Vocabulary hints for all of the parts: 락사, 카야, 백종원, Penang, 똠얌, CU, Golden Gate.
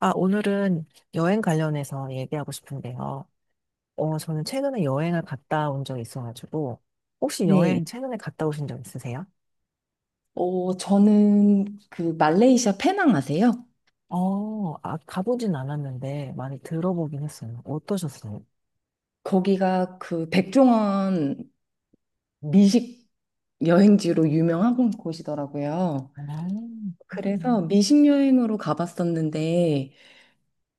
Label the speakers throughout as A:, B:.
A: 아, 오늘은 여행 관련해서 얘기하고 싶은데요. 저는 최근에 여행을 갔다 온 적이 있어가지고, 혹시
B: 네.
A: 여행 최근에 갔다 오신 적 있으세요?
B: 저는 그 말레이시아 페낭 아세요?
A: 아, 가보진 않았는데 많이 들어보긴 했어요. 어떠셨어요?
B: 거기가 그 백종원 미식 여행지로 유명한 곳이더라고요.
A: 아,
B: 그래서
A: 그렇구나.
B: 미식 여행으로 가봤었는데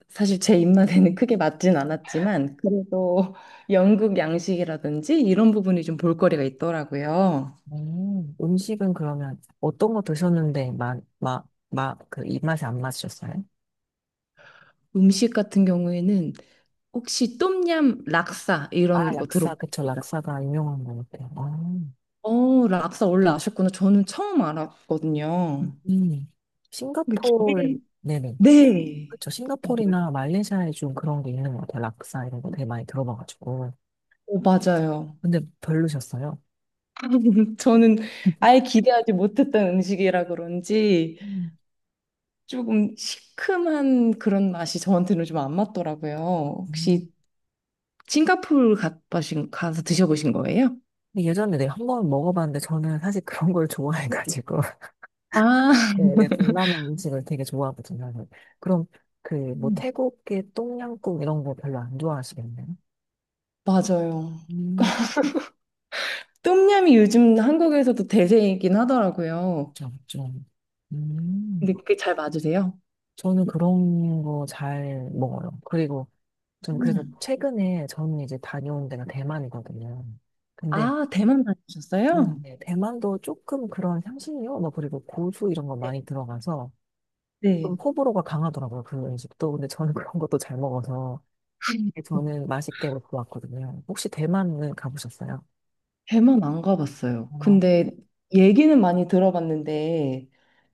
B: 사실 제 입맛에는 크게 맞진 않았지만 그래도 영국 양식이라든지 이런 부분이 좀 볼거리가 있더라고요.
A: 음식은 그러면 어떤 거 드셨는데 막, 그 입맛에 안 맞으셨어요?
B: 음식 같은 경우에는 혹시 똠얌 락사
A: 아,
B: 이런 거
A: 락사,
B: 들어보셨어요?
A: 그쵸. 락사가 유명한 거 같아요. 아,
B: 락사 원래 아셨구나. 저는 처음 알았거든요.
A: 음,
B: 그
A: 싱가포르,
B: 기대,
A: 네네.
B: 네.
A: 그쵸. 싱가포르나 말레이시아에 좀 그런 게 있는 것 같아요. 락사 이런 거 되게 많이 들어봐가지고.
B: 맞아요.
A: 근데 별로셨어요.
B: 저는 아예 기대하지 못했던 음식이라 그런지
A: 음.
B: 조금 시큼한 그런 맛이 저한테는 좀 안 맞더라고요.
A: 음.
B: 혹시 싱가포르 가보신, 가서 드셔보신 거예요?
A: 근데 예전에 내가 한번 먹어봤는데 저는 사실 그런 걸 좋아해가지고.
B: 아,
A: 네, 내 동남아 음식을 되게 좋아하거든요. 그래서 그럼 그 뭐
B: 음,
A: 태국의 똠양꿍 이런 거 별로 안 좋아하시겠네요?
B: 맞아요.
A: 음,
B: 똠얌이 요즘 한국에서도 대세이긴 하더라고요.
A: 그쵸, 그쵸. 음,
B: 근데 그게 잘 맞으세요?
A: 저는 그런 거 잘 먹어요. 그리고 저는 그래서
B: 음.
A: 최근에 저는 이제 다녀온 데가 대만이거든요. 근데
B: 아, 대만 다니셨어요?
A: 네. 대만도 조금 그런 향신료, 뭐, 그리고 고수 이런 거 많이 들어가서 좀
B: 네.
A: 호불호가 강하더라고요. 그 음식도. 근데 저는 그런 것도 잘 먹어서 저는 맛있게 먹고 왔거든요. 혹시 대만은 가보셨어요?
B: 대만 안 가봤어요.
A: 어,
B: 근데 얘기는 많이 들어봤는데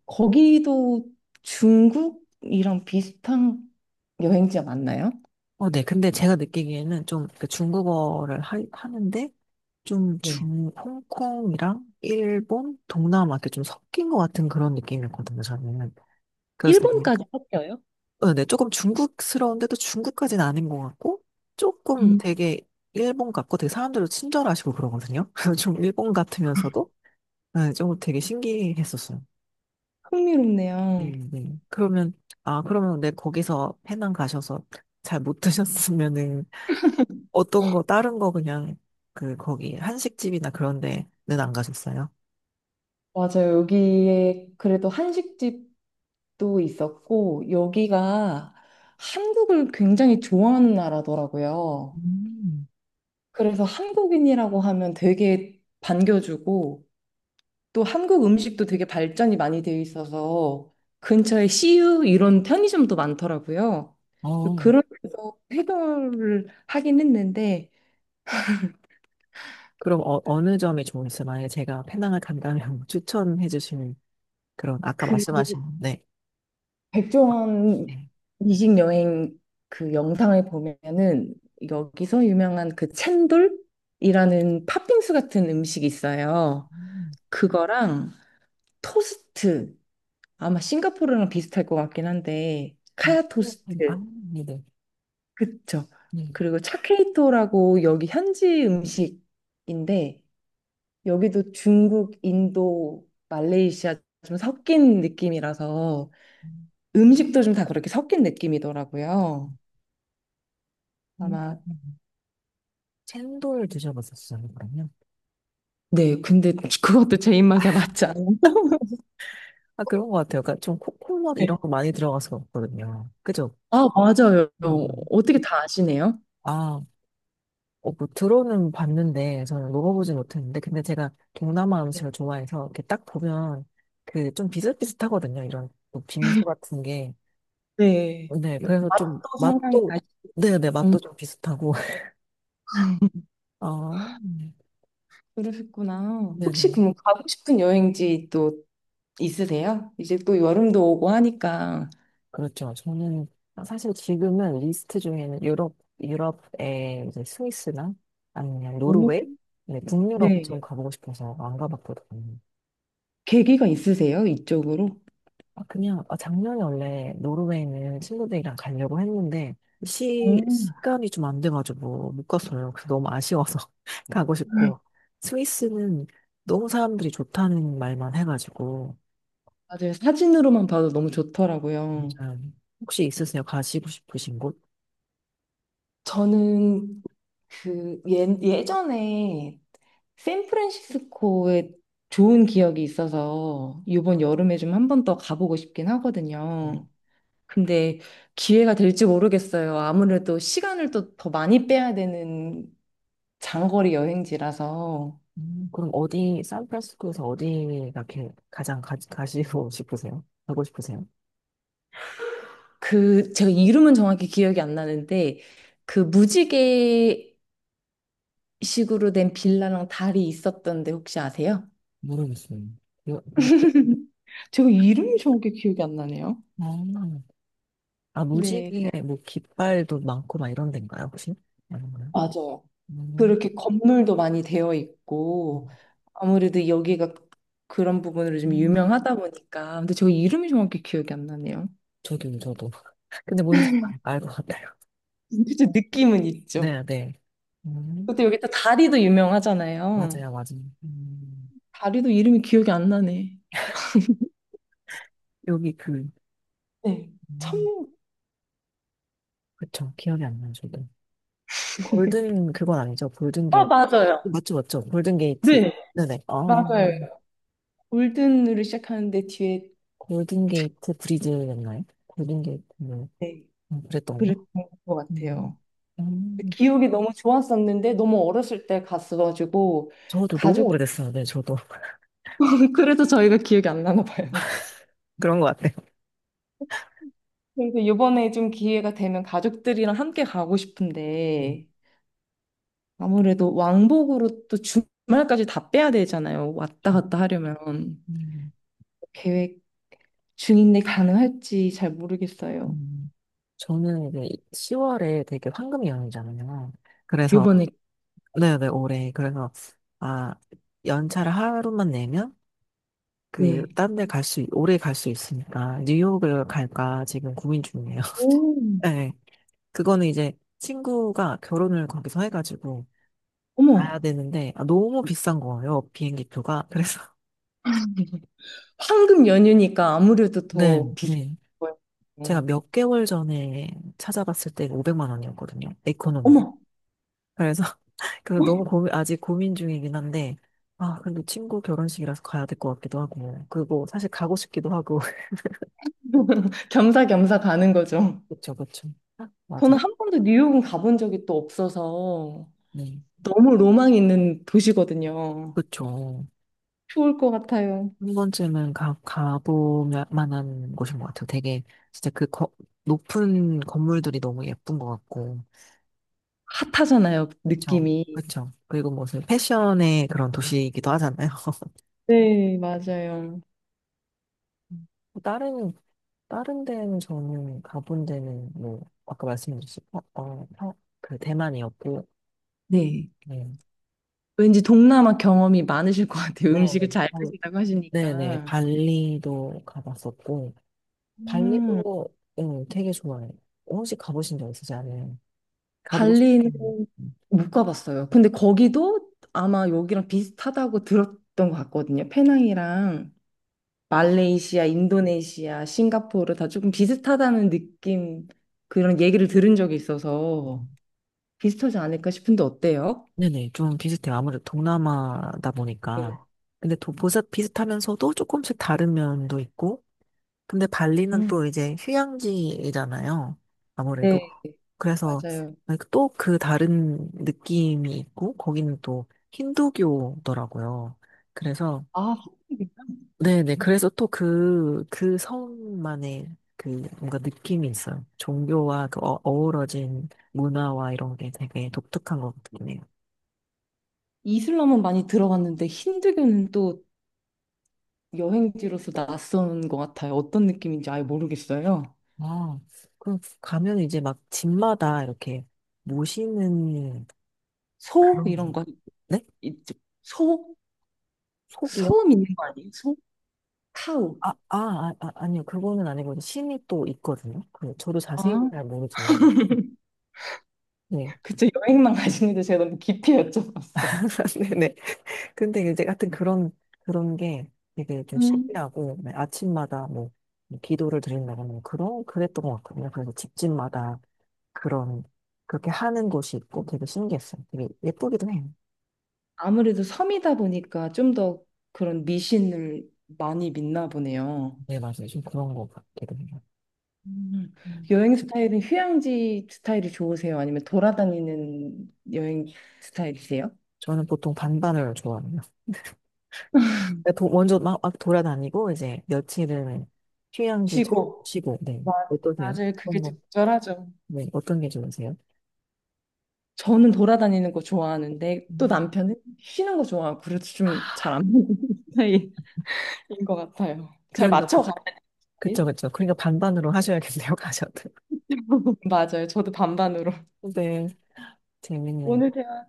B: 거기도 중국이랑 비슷한 여행지가 맞나요?
A: 어, 네. 근데 제가 느끼기에는 좀 그 중국어를 하는데 좀
B: 네.
A: 중, 홍콩이랑 일본, 동남아 이렇게 좀 섞인 것 같은 그런 느낌이었거든요, 저는. 그래서 되게
B: 일본까지 섞여요?
A: 어, 네, 조금 중국스러운데도 중국까지는 아닌 것 같고, 조금
B: 음.
A: 되게 일본 같고, 되게 사람들도 친절하시고 그러거든요. 그래서 좀 일본 같으면서도, 네, 좀 되게 신기했었어요.
B: 흥미롭네요.
A: 네. 네. 그러면, 아, 그러면 네, 거기서 페낭 가셔서 잘 못 드셨으면은, 어떤 거, 다른 거 그냥, 그, 거기, 한식집이나 그런 데는 안 가셨어요?
B: 맞아요. 여기에 그래도 한식집도 있었고 여기가 한국을 굉장히 좋아하는 나라더라고요.
A: 음,
B: 그래서 한국인이라고 하면 되게 반겨주고 또 한국 음식도 되게 발전이 많이 되어 있어서 근처에 CU 이런 편의점도 많더라고요. 그래서
A: 어,
B: 그런 데서 해결을 하긴 했는데
A: 그럼 어, 어느 점이 좋으세요? 만약에 제가 페낭을 간다면 추천해 주시는 그런, 아까
B: 그
A: 말씀하신, 네.
B: 백종원
A: 네.
B: 이식 여행 그 영상을 보면은 여기서 유명한 그 챈돌이라는 팥빙수 같은 음식이 있어요.
A: 음,
B: 그거랑 토스트 아마 싱가포르랑 비슷할 것 같긴 한데
A: 아, 네,
B: 카야
A: 네. 네. 아,
B: 토스트.
A: 네네.
B: 그쵸.
A: 네.
B: 그리고 차케이토라고 여기 현지 음식인데 여기도 중국, 인도, 말레이시아 좀 섞인 느낌이라서
A: 음,
B: 음식도 좀 다 그렇게 섞인 느낌이더라고요.
A: 음,
B: 아마
A: 음. 챈돌 드셔보셨어요, 그러면?
B: 네, 근데 그것도 제 입맛에 맞지 않아요.
A: 아, 그런 것 같아요. 그러니까 좀 코코넛
B: 네.
A: 이런 거 많이 들어가서 먹거든요. 그죠?
B: 아, 맞아요.
A: 음.
B: 어떻게 다 아시네요?
A: 아, 어, 뭐 들어는 봤는데, 저는 먹어보진 못했는데, 근데 제가 동남아
B: 네.
A: 음식을 좋아해서, 이렇게 딱 보면, 그, 좀 비슷비슷하거든요. 이런, 뭐 빙수 같은 게.
B: 네.
A: 네, 그래서 좀
B: 맛도 상당히
A: 맛도,
B: 맛있고.
A: 네네,
B: 음,
A: 맛도 좀 비슷하고. 아,
B: 그러셨구나. 혹시
A: 네네.
B: 그럼 가고 싶은 여행지 또 있으세요? 이제 또 여름도 오고 하니까.
A: 그렇죠. 저는 사실 지금은 리스트 중에는 유럽, 유럽의 이제 스위스나 아니면
B: 오,
A: 노르웨이? 네, 북유럽 좀
B: 네.
A: 가보고 싶어서 안 가봤거든요.
B: 계기가 있으세요? 이쪽으로?
A: 아, 그냥, 아, 작년에 원래 노르웨이는 친구들이랑 가려고 했는데, 시,
B: 오.
A: 시간이 좀 안 돼가지고 못 갔어요. 그래서 너무 아쉬워서 가고 싶고, 스위스는 너무 사람들이 좋다는 말만 해가지고,
B: 맞아요. 사진으로만 봐도 너무 좋더라고요.
A: 혹시 있으세요? 가시고 싶으신 곳?
B: 저는 그 예전에 샌프란시스코에 좋은 기억이 있어서 이번 여름에 좀 한번 더 가보고 싶긴 하거든요. 근데 기회가 될지 모르겠어요. 아무래도 시간을 또 더 많이 빼야 되는 장거리 여행지라서.
A: 그럼 어디, 샌프란시스코에서 어디가 가장 가, 가시고 싶으세요? 가고 싶으세요?
B: 그 제가 이름은 정확히 기억이 안 나는데 그 무지개 식으로 된 빌라랑 달이 있었던데 혹시 아세요?
A: 모르겠어요. 여-
B: 제가 이름이 정확히 기억이 안 나네요.
A: 음. 아,
B: 네.
A: 무지개, 뭐, 깃발도 많고, 막 이런 데인가요, 혹시? 아닌가요?
B: 맞아요.
A: 음,
B: 그렇게 건물도 많이 되어 있고,
A: 음.
B: 아무래도 여기가 그런 부분으로 좀
A: 음.
B: 유명하다 보니까. 근데 저 이름이 정확히 기억이 안 나네요.
A: 저도, 저도. 근데 뭔지 알 것 같아요.
B: 그짜 느낌은 있죠.
A: 네, 네. 음,
B: 근데 여기 또 다리도 유명하잖아요.
A: 맞아요, 맞아요.
B: 다리도 이름이 기억이 안 나네.
A: 여기 그,
B: 네. 참,
A: 음, 그쵸. 기억이 안 나요, 저도. 골든, 그건 아니죠. 골든 게이트.
B: 맞아요.
A: 맞죠, 맞죠. 골든 게이트.
B: 네.
A: 네네. 아,
B: 맞아요. 골든으로 시작하는데 뒤에.
A: 골든게이트 브리즈였나요? 골든게이트, 뭐,
B: 네.
A: 그랬던 거.
B: 그랬던 것
A: 음,
B: 같아요.
A: 음,
B: 기억이 너무 좋았었는데 너무 어렸을 때 갔어가지고
A: 저도 너무
B: 가족
A: 오래됐어요. 네, 저도.
B: 그래서 저희가 기억이 안 나나 봐요.
A: 그런 것 같아요.
B: 그래서 이번에 좀 기회가 되면 가족들이랑 함께 가고
A: 음,
B: 싶은데 아무래도 왕복으로 또 주말까지 다 빼야 되잖아요. 왔다
A: 음,
B: 갔다 하려면
A: 음,
B: 계획 중인데 가능할지 잘 모르겠어요.
A: 음. 저는 이제 10월에 되게 황금 연휴잖아요. 그래서,
B: 이번에.
A: 네네, 올해. 그래서, 아, 연차를 하루만 내면, 그,
B: 네.
A: 딴 데 오래 갈 수 있으니까, 뉴욕을 갈까 지금 고민 중이에요.
B: 오.
A: 네. 그거는 이제 친구가 결혼을 거기서 해가지고,
B: 어머.
A: 가야 되는데 아, 너무 비싼 거예요 비행기 표가. 그래서
B: 황금 연휴니까 아무래도
A: 네
B: 더 비쌀
A: 네. 제가
B: 거예요.
A: 몇 개월 전에 찾아봤을 때 500만 원이었거든요, 에코노미가.
B: 어머.
A: 그래서 그래서 너무 고민, 아직 고민 중이긴 한데 아, 근데 친구 결혼식이라서 가야 될 것 같기도 하고 그리고 사실 가고 싶기도 하고.
B: 겸사겸사 가는 거죠.
A: 그쵸 그쵸. 맞아.
B: 저는 한 번도 뉴욕은 가본 적이 또 없어서
A: 네.
B: 너무 로망 있는 도시거든요.
A: 그쵸.
B: 좋을 것 같아요.
A: 한 번쯤은 가 가보면 만한 곳인 것 같아요 되게. 진짜 그 높은 건물들이 너무 예쁜 것 같고.
B: 핫하잖아요,
A: 그쵸,
B: 느낌이.
A: 그쵸. 그리고 무슨 패션의 그런 도시이기도 하잖아요.
B: 네, 맞아요.
A: 음. 다른, 다른 데는 저는 가본 데는 뭐, 아까 말씀드렸듯이, 어, 어, 그 대만이었고,
B: 네.
A: 네.
B: 왠지 동남아 경험이 많으실 것 같아요.
A: 네, 네.
B: 음식을 잘
A: 어,
B: 드신다고
A: 네네.
B: 하시니까.
A: 발리도 가봤었고,
B: 음,
A: 발리도, 응, 되게 좋아해요. 혹시 가보신 적 있으세요? 가보고 싶은.
B: 발리는 못 가봤어요. 근데 거기도 아마 여기랑 비슷하다고 들었던 것 같거든요. 페낭이랑. 말레이시아, 인도네시아, 싱가포르 다 조금 비슷하다는 느낌 그런 얘기를 들은 적이 있어서
A: 음.
B: 비슷하지 않을까 싶은데 어때요?
A: 네네. 좀 비슷해요. 아무래도 동남아다
B: 네,
A: 보니까. 근데 또 보사 비슷하면서도 조금씩 다른 면도 있고, 근데 발리는
B: 음,
A: 또 이제 휴양지잖아요. 아무래도.
B: 네,
A: 그래서
B: 맞아요.
A: 또 그 다른 느낌이 있고, 거기는 또 힌두교더라고요. 그래서,
B: 아, 한국인가?
A: 네네. 그래서 또 그, 그 성만의 그 뭔가 느낌이 있어요. 종교와 그 어, 어우러진 문화와 이런 게 되게 독특한 것 같네요.
B: 이슬람은 많이 들어봤는데 힌두교는 또 여행지로서 낯선 것 같아요. 어떤 느낌인지 아예 모르겠어요.
A: 아, 그럼 가면 이제 막 집마다 이렇게 모시는
B: 소
A: 그런,
B: 이런 거
A: 네?
B: 있죠. 소?
A: 속이요?
B: 소 믿는 거 아니에요? 소? 카우.
A: 아, 아, 아, 아, 아니요. 그거는 아니고 신이 또 있거든요. 그 저도 자세히
B: 아,
A: 잘 모르지만. 네.
B: 그쵸. 여행만 가시는데 제가 너무 깊이 여쭤봤어요.
A: 네네. 근데 이제 하여튼 그런, 그런 게 되게 좀
B: 음.
A: 신기하고, 네, 아침마다 뭐 기도를 드린다거나 뭐 그런, 그랬던 것 같거든요. 그래서 집집마다 그런, 그렇게 하는 곳이 있고 되게 신기했어요. 되게 예쁘기도 해요.
B: 아무래도 섬이다 보니까 좀 더 그런 미신을 많이 믿나 보네요.
A: 네, 맞아요. 좀 그런 것 같기도 해요.
B: 음.
A: 음.
B: 여행 스타일은 휴양지 스타일이 좋으세요? 아니면 돌아다니는 여행 스타일이세요?
A: 저는 보통 반반을 좋아합니다. 그러니까 먼저 막, 막 돌아다니고 이제 며칠은 휴양지 잘
B: 쉬고.
A: 쉬고. 네,
B: 마-
A: 어떠세요?
B: 맞아요. 그게
A: 어떤 거?
B: 적절하죠.
A: 네, 어떤 게 좋으세요?
B: 저는 돌아다니는 거 좋아하는데 또
A: 음.
B: 남편은 쉬는 거 좋아하고 그래서 좀 잘 안 맞는 스타일인 것 같아요. 잘
A: 그러니까
B: 맞춰가야 돼.
A: 그쵸 그쵸. 그러니까 반반으로 하셔야겠네요. 가셔도
B: 맞아요. 저도 반반으로.
A: 네. 재밌네요.
B: 오늘 대화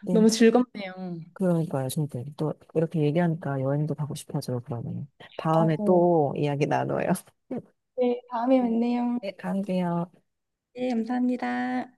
A: 네.
B: 너무 즐겁네요.
A: 그러니까요, 저도 또 이렇게 얘기하니까 여행도 가고 싶어져요. 그러면 다음에
B: 맞아요.
A: 또 이야기 나눠요.
B: 네, 다음에 뵙네요.
A: 네, 가세요.
B: 네, 감사합니다.